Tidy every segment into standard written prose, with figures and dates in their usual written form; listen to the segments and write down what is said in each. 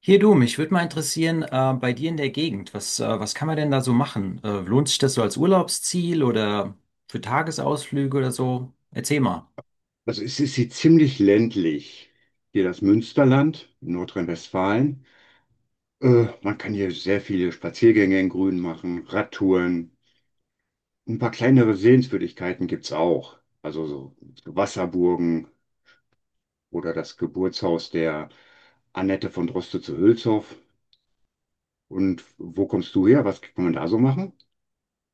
Hier du, mich würde mal interessieren, bei dir in der Gegend, was kann man denn da so machen? Lohnt sich das so als Urlaubsziel oder für Tagesausflüge oder so? Erzähl mal. Also es ist hier ziemlich ländlich. Hier das Münsterland in Nordrhein-Westfalen. Man kann hier sehr viele Spaziergänge im Grün machen, Radtouren. Ein paar kleinere Sehenswürdigkeiten gibt's auch. Also so Wasserburgen oder das Geburtshaus der Annette von Droste zu Hülshoff. Und wo kommst du her? Was kann man da so machen?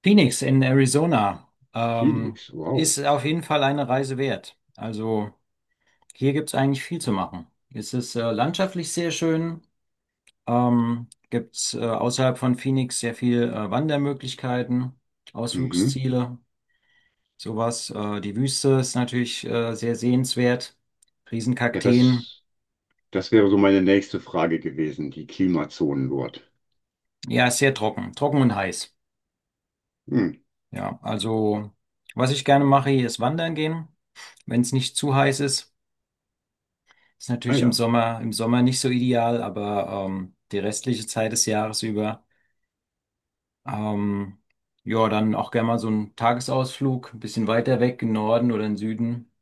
Phoenix in Arizona, ähm, Phoenix, wow. ist auf jeden Fall eine Reise wert. Also hier gibt es eigentlich viel zu machen. Es ist landschaftlich sehr schön, gibt es außerhalb von Phoenix sehr viel Wandermöglichkeiten, Mhm. Ausflugsziele. Sowas. Die Wüste ist natürlich sehr sehenswert. Ja, Riesenkakteen. das wäre so meine nächste Frage gewesen, die Klimazonen dort. Ja, ist sehr trocken. Trocken und heiß. Hm. Ja, also was ich gerne mache, hier ist wandern gehen, wenn es nicht zu heiß ist. Ist Ah natürlich im ja, Sommer, im Sommer nicht so ideal, aber die restliche Zeit des Jahres über. Ähm, ja, dann auch gerne mal so einen Tagesausflug, ein bisschen weiter weg, im Norden oder im Süden.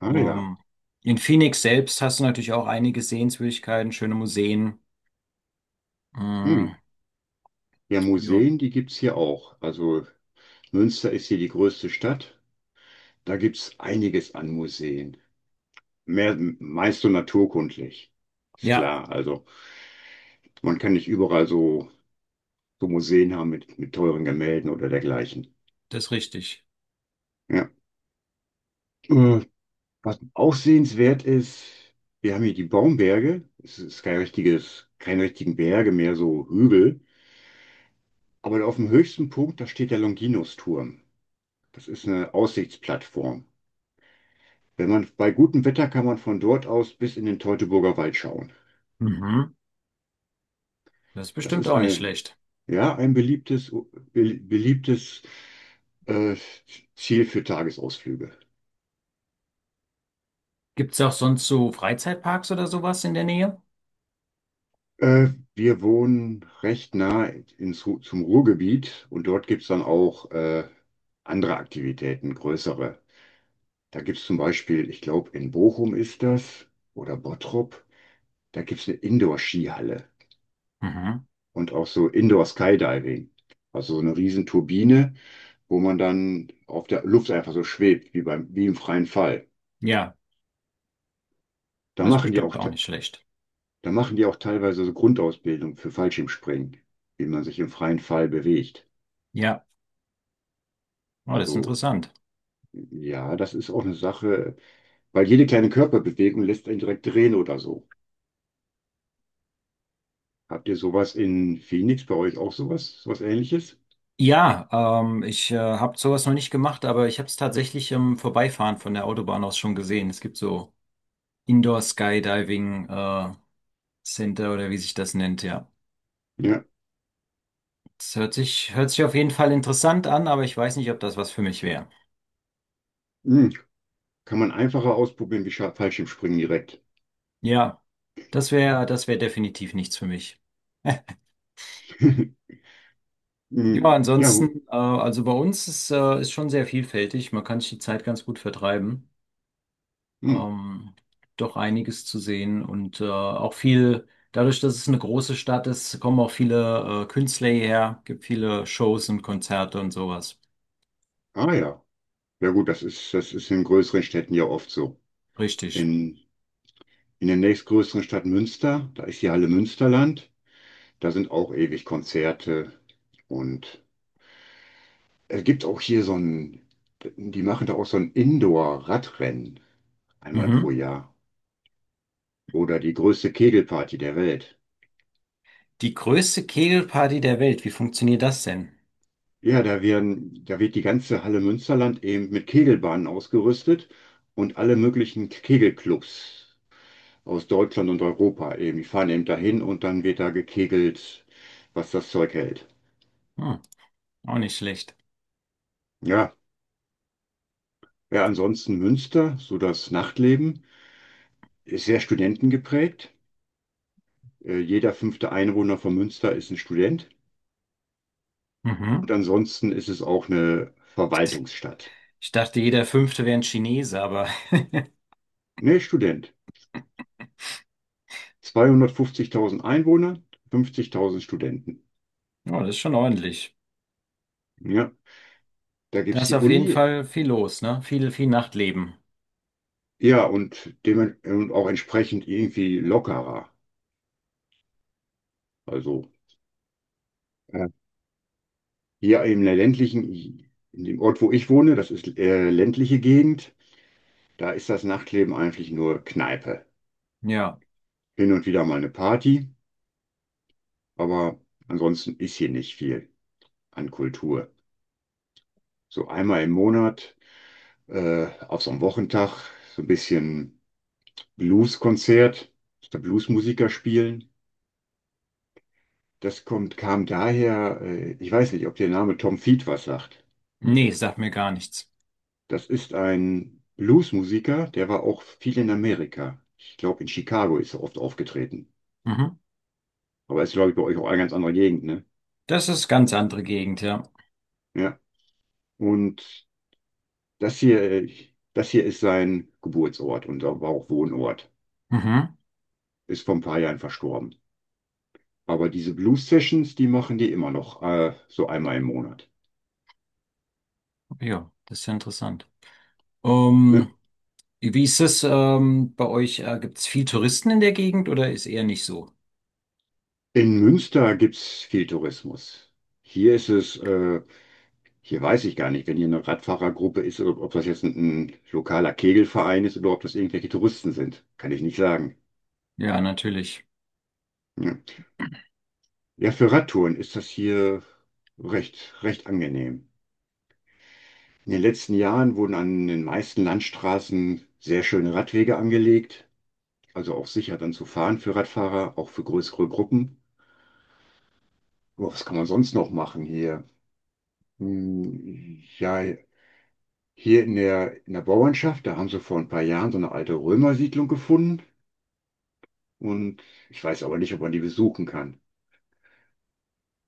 ah ja. Ähm, in Phoenix selbst hast du natürlich auch einige Sehenswürdigkeiten, schöne Museen. Hm. Mm, Ja, ja. Museen, die gibt's hier auch. Also Münster ist hier die größte Stadt. Da gibt's einiges an Museen. Mehr, meist so naturkundlich. Ist Ja, klar. Also man kann nicht überall so Museen haben mit teuren Gemälden oder dergleichen. das ist richtig. Ja. Äh, Was auch sehenswert ist, wir haben hier die Baumberge. Es ist kein richtiges, keine richtigen Berge mehr, so Hügel. Aber auf dem höchsten Punkt, da steht der Longinus-Turm. Das ist eine Aussichtsplattform. Wenn man bei gutem Wetter kann man von dort aus bis in den Teutoburger Wald schauen. Mhm. Das ist Das bestimmt ist auch nicht ein, schlecht. ja, ein beliebtes, beliebtes äh, Ziel für Tagesausflüge. Gibt es auch sonst so Freizeitparks oder sowas in der Nähe? Äh, Wir wohnen recht nah zum Ruhrgebiet und dort gibt es dann auch andere Aktivitäten, größere. Da gibt es zum Beispiel, ich glaube, in Bochum ist das oder Bottrop, da gibt es eine Indoor-Skihalle Mhm. und auch so Indoor-Skydiving. Also so eine riesen Turbine, wo man dann auf der Luft einfach so schwebt, wie beim, wie im freien Fall. Ja, Da das ist machen die bestimmt auch, auch te- nicht schlecht. da machen die auch teilweise so Grundausbildung für Fallschirmspringen, wie man sich im freien Fall bewegt. Ja, oh, das ist Also, interessant. ja, das ist auch eine Sache, weil jede kleine Körperbewegung lässt einen direkt drehen oder so. Habt ihr sowas in Phoenix bei euch auch sowas Ähnliches? Ja, ich habe sowas noch nicht gemacht, aber ich habe es tatsächlich im Vorbeifahren von der Autobahn aus schon gesehen. Es gibt so Indoor Skydiving Center oder wie sich das nennt, ja. Ja. Hört sich auf jeden Fall interessant an, aber ich weiß nicht, ob das was für mich wäre. Hm. Kann man einfacher ausprobieren wie Fallschirmspringen direkt. Ja, das wäre definitiv nichts für mich. Ja, Hm. Ja, ansonsten, also bei uns ist schon sehr vielfältig. Man kann sich die Zeit ganz gut vertreiben. hm. Ähm, Doch einiges zu sehen und auch viel, dadurch, dass es eine große Stadt ist, kommen auch viele Künstler hierher, gibt viele Shows und Konzerte und sowas. Ah ja. Ja gut, das ist in größeren Städten ja oft so. Richtig. in, in der nächstgrößeren Stadt Münster. Da ist die Halle Münsterland. Da sind auch ewig Konzerte. Und es gibt auch hier die machen da auch so ein Indoor-Radrennen einmal pro Mhm. Jahr. Oder die größte Kegelparty der Welt. Die größte Kegelparty der Welt, wie funktioniert das denn? Ja, da wird die ganze Halle Münsterland eben mit Kegelbahnen ausgerüstet und alle möglichen Kegelclubs aus Deutschland und Europa eben. Die fahren eben dahin und dann wird da gekegelt, was das Zeug hält. Hm, auch nicht schlecht. Ja, ja, ansonsten Münster, so das Nachtleben, ist sehr studentengeprägt. Jeder fünfte Einwohner von Münster ist ein Student. Mhm. Und ansonsten ist es auch eine Verwaltungsstadt. Ich dachte, jeder Fünfte wäre ein Chinese, aber Nee, Student. 250.000 Einwohner, 50.000 Studenten. ja, das ist schon ordentlich. Ja, da Da gibt es ist die auf jeden Uni. Fall viel los, ne? Viel Nachtleben. Ja, und auch entsprechend irgendwie lockerer. Also äh, hier in der ländlichen, in dem Ort, wo ich wohne, das ist ländliche Gegend, da ist das Nachtleben eigentlich nur Kneipe. Ja, Hin und wieder mal eine Party, aber ansonsten ist hier nicht viel an Kultur. So einmal im Monat, auf so einem Wochentag, so ein bisschen Blueskonzert, da Bluesmusiker spielen. Das kommt, kam daher, ich weiß nicht, ob der Name Tom Feet was sagt. nee, sagt mir gar nichts. Das ist ein Bluesmusiker, der war auch viel in Amerika. Ich glaube, in Chicago ist er oft aufgetreten. Mhm. Aber ist, glaube ich, bei euch auch eine ganz andere Gegend, ne? Das ist ganz andere Gegend, ja. Ja. Und Das hier, das hier ist sein Geburtsort und auch war auch Wohnort. Mhm. Ist vor ein paar Jahren verstorben. Aber diese Blues Sessions, die machen die immer noch, so einmal im Monat. Ja, das ist ja interessant. Ähm, Ne? Wie ist es bei euch? Gibt es viel Touristen in der Gegend oder ist eher nicht so? In Münster gibt's viel Tourismus. Hier ist es, hier weiß ich gar nicht, wenn hier eine Radfahrergruppe ist, ob das jetzt ein lokaler Kegelverein ist oder ob das irgendwelche Touristen sind. Kann ich nicht sagen. Ja, natürlich. Ne? Ja, für Radtouren ist das hier recht, recht angenehm. In den letzten Jahren wurden an den meisten Landstraßen sehr schöne Radwege angelegt, also auch sicher dann zu fahren für Radfahrer, auch für größere Gruppen. Aber was kann man sonst noch machen hier? Hm, ja, hier in der Bauernschaft, da haben sie vor ein paar Jahren so eine alte Römersiedlung gefunden und ich weiß aber nicht, ob man die besuchen kann.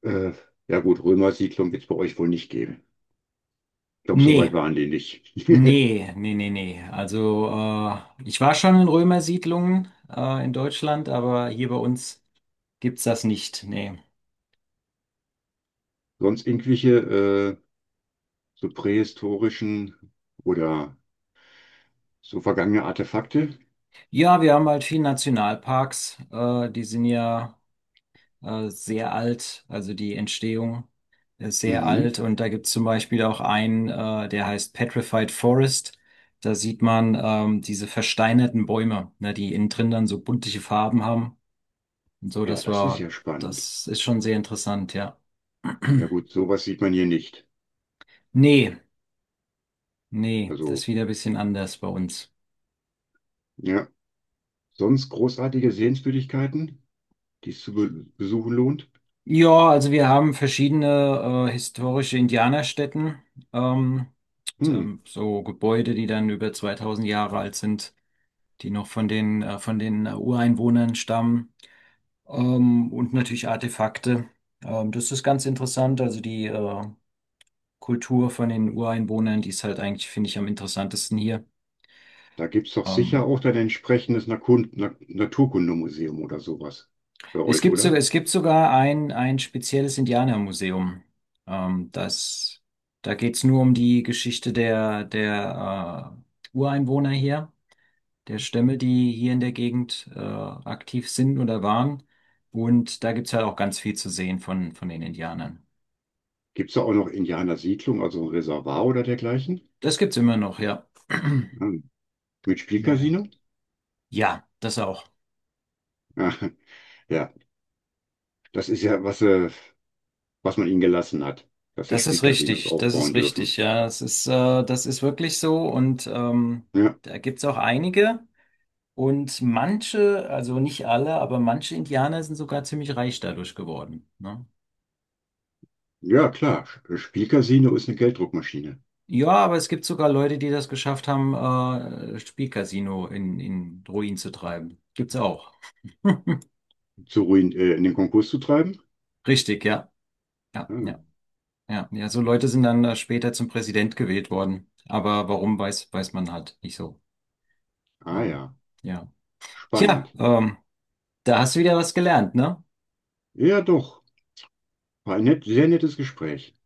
Äh, ja gut, Römersiedlung wird es bei euch wohl nicht geben. Ich glaube, so weit Nee, waren die nicht. nee, nee, nee, nee. Also ich war schon in Römersiedlungen in Deutschland, aber hier bei uns gibt's das nicht. Nee. Sonst irgendwelche so prähistorischen oder so vergangene Artefakte? Ja, wir haben halt viele Nationalparks. Die sind ja sehr alt, also die Entstehung ist sehr Mhm. alt und da gibt es zum Beispiel auch einen, der heißt Petrified Forest. Da sieht man diese versteinerten Bäume, ne, die innen drin dann so buntliche Farben haben. Und so, Ja, das das ist ja war, spannend. das ist schon sehr interessant, ja. Ja gut, sowas sieht man hier nicht. Nee, nee, das Also, ist wieder ein bisschen anders bei uns. ja. Sonst großartige Sehenswürdigkeiten, die es zu be besuchen lohnt? Ja, also wir haben verschiedene historische Indianerstätten, ähm, Hm. So Gebäude, die dann über 2000 Jahre alt sind. Die noch von den Ureinwohnern stammen. Und natürlich Artefakte. Das ist ganz interessant. Also die Kultur von den Ureinwohnern, die ist halt eigentlich, finde ich, am interessantesten hier. Da gibt es doch sicher Ähm, auch dann entsprechendes Naturkundemuseum oder sowas bei euch, oder? es gibt sogar ein spezielles Indianermuseum. Ähm, das, da geht's nur um die Geschichte der Ureinwohner hier. Der Stämme, die hier in der Gegend aktiv sind oder waren. Und da gibt's halt auch ganz viel zu sehen von den Indianern. Gibt es da auch noch Indianersiedlung, also ein Reservoir oder dergleichen? Das gibt's immer noch, ja. Hm. Mit Ja, ja. Spielcasino? Ja, das auch. Ah, ja, das ist ja, was man ihnen gelassen hat, dass sie Spielcasinos Das ist aufbauen richtig, dürfen. ja. Das ist wirklich so und Ja. da gibt's auch einige. Und manche, also nicht alle, aber manche Indianer sind sogar ziemlich reich dadurch geworden. Ne? Ja, klar. Spielcasino ist eine Gelddruckmaschine. Ja, aber es gibt sogar Leute, die das geschafft haben, Spielcasino in Ruin zu treiben. Gibt's auch. Zu ruin in den Konkurs zu treiben? Richtig, ja. Ja, Hm. ja, ja. Ja, so Leute sind dann später zum Präsident gewählt worden. Aber warum, weiß man halt nicht so. Ah Ähm, ja, ja. Tja, spannend. Da hast du wieder was gelernt, ne? Ja, doch. War ein sehr nettes Gespräch.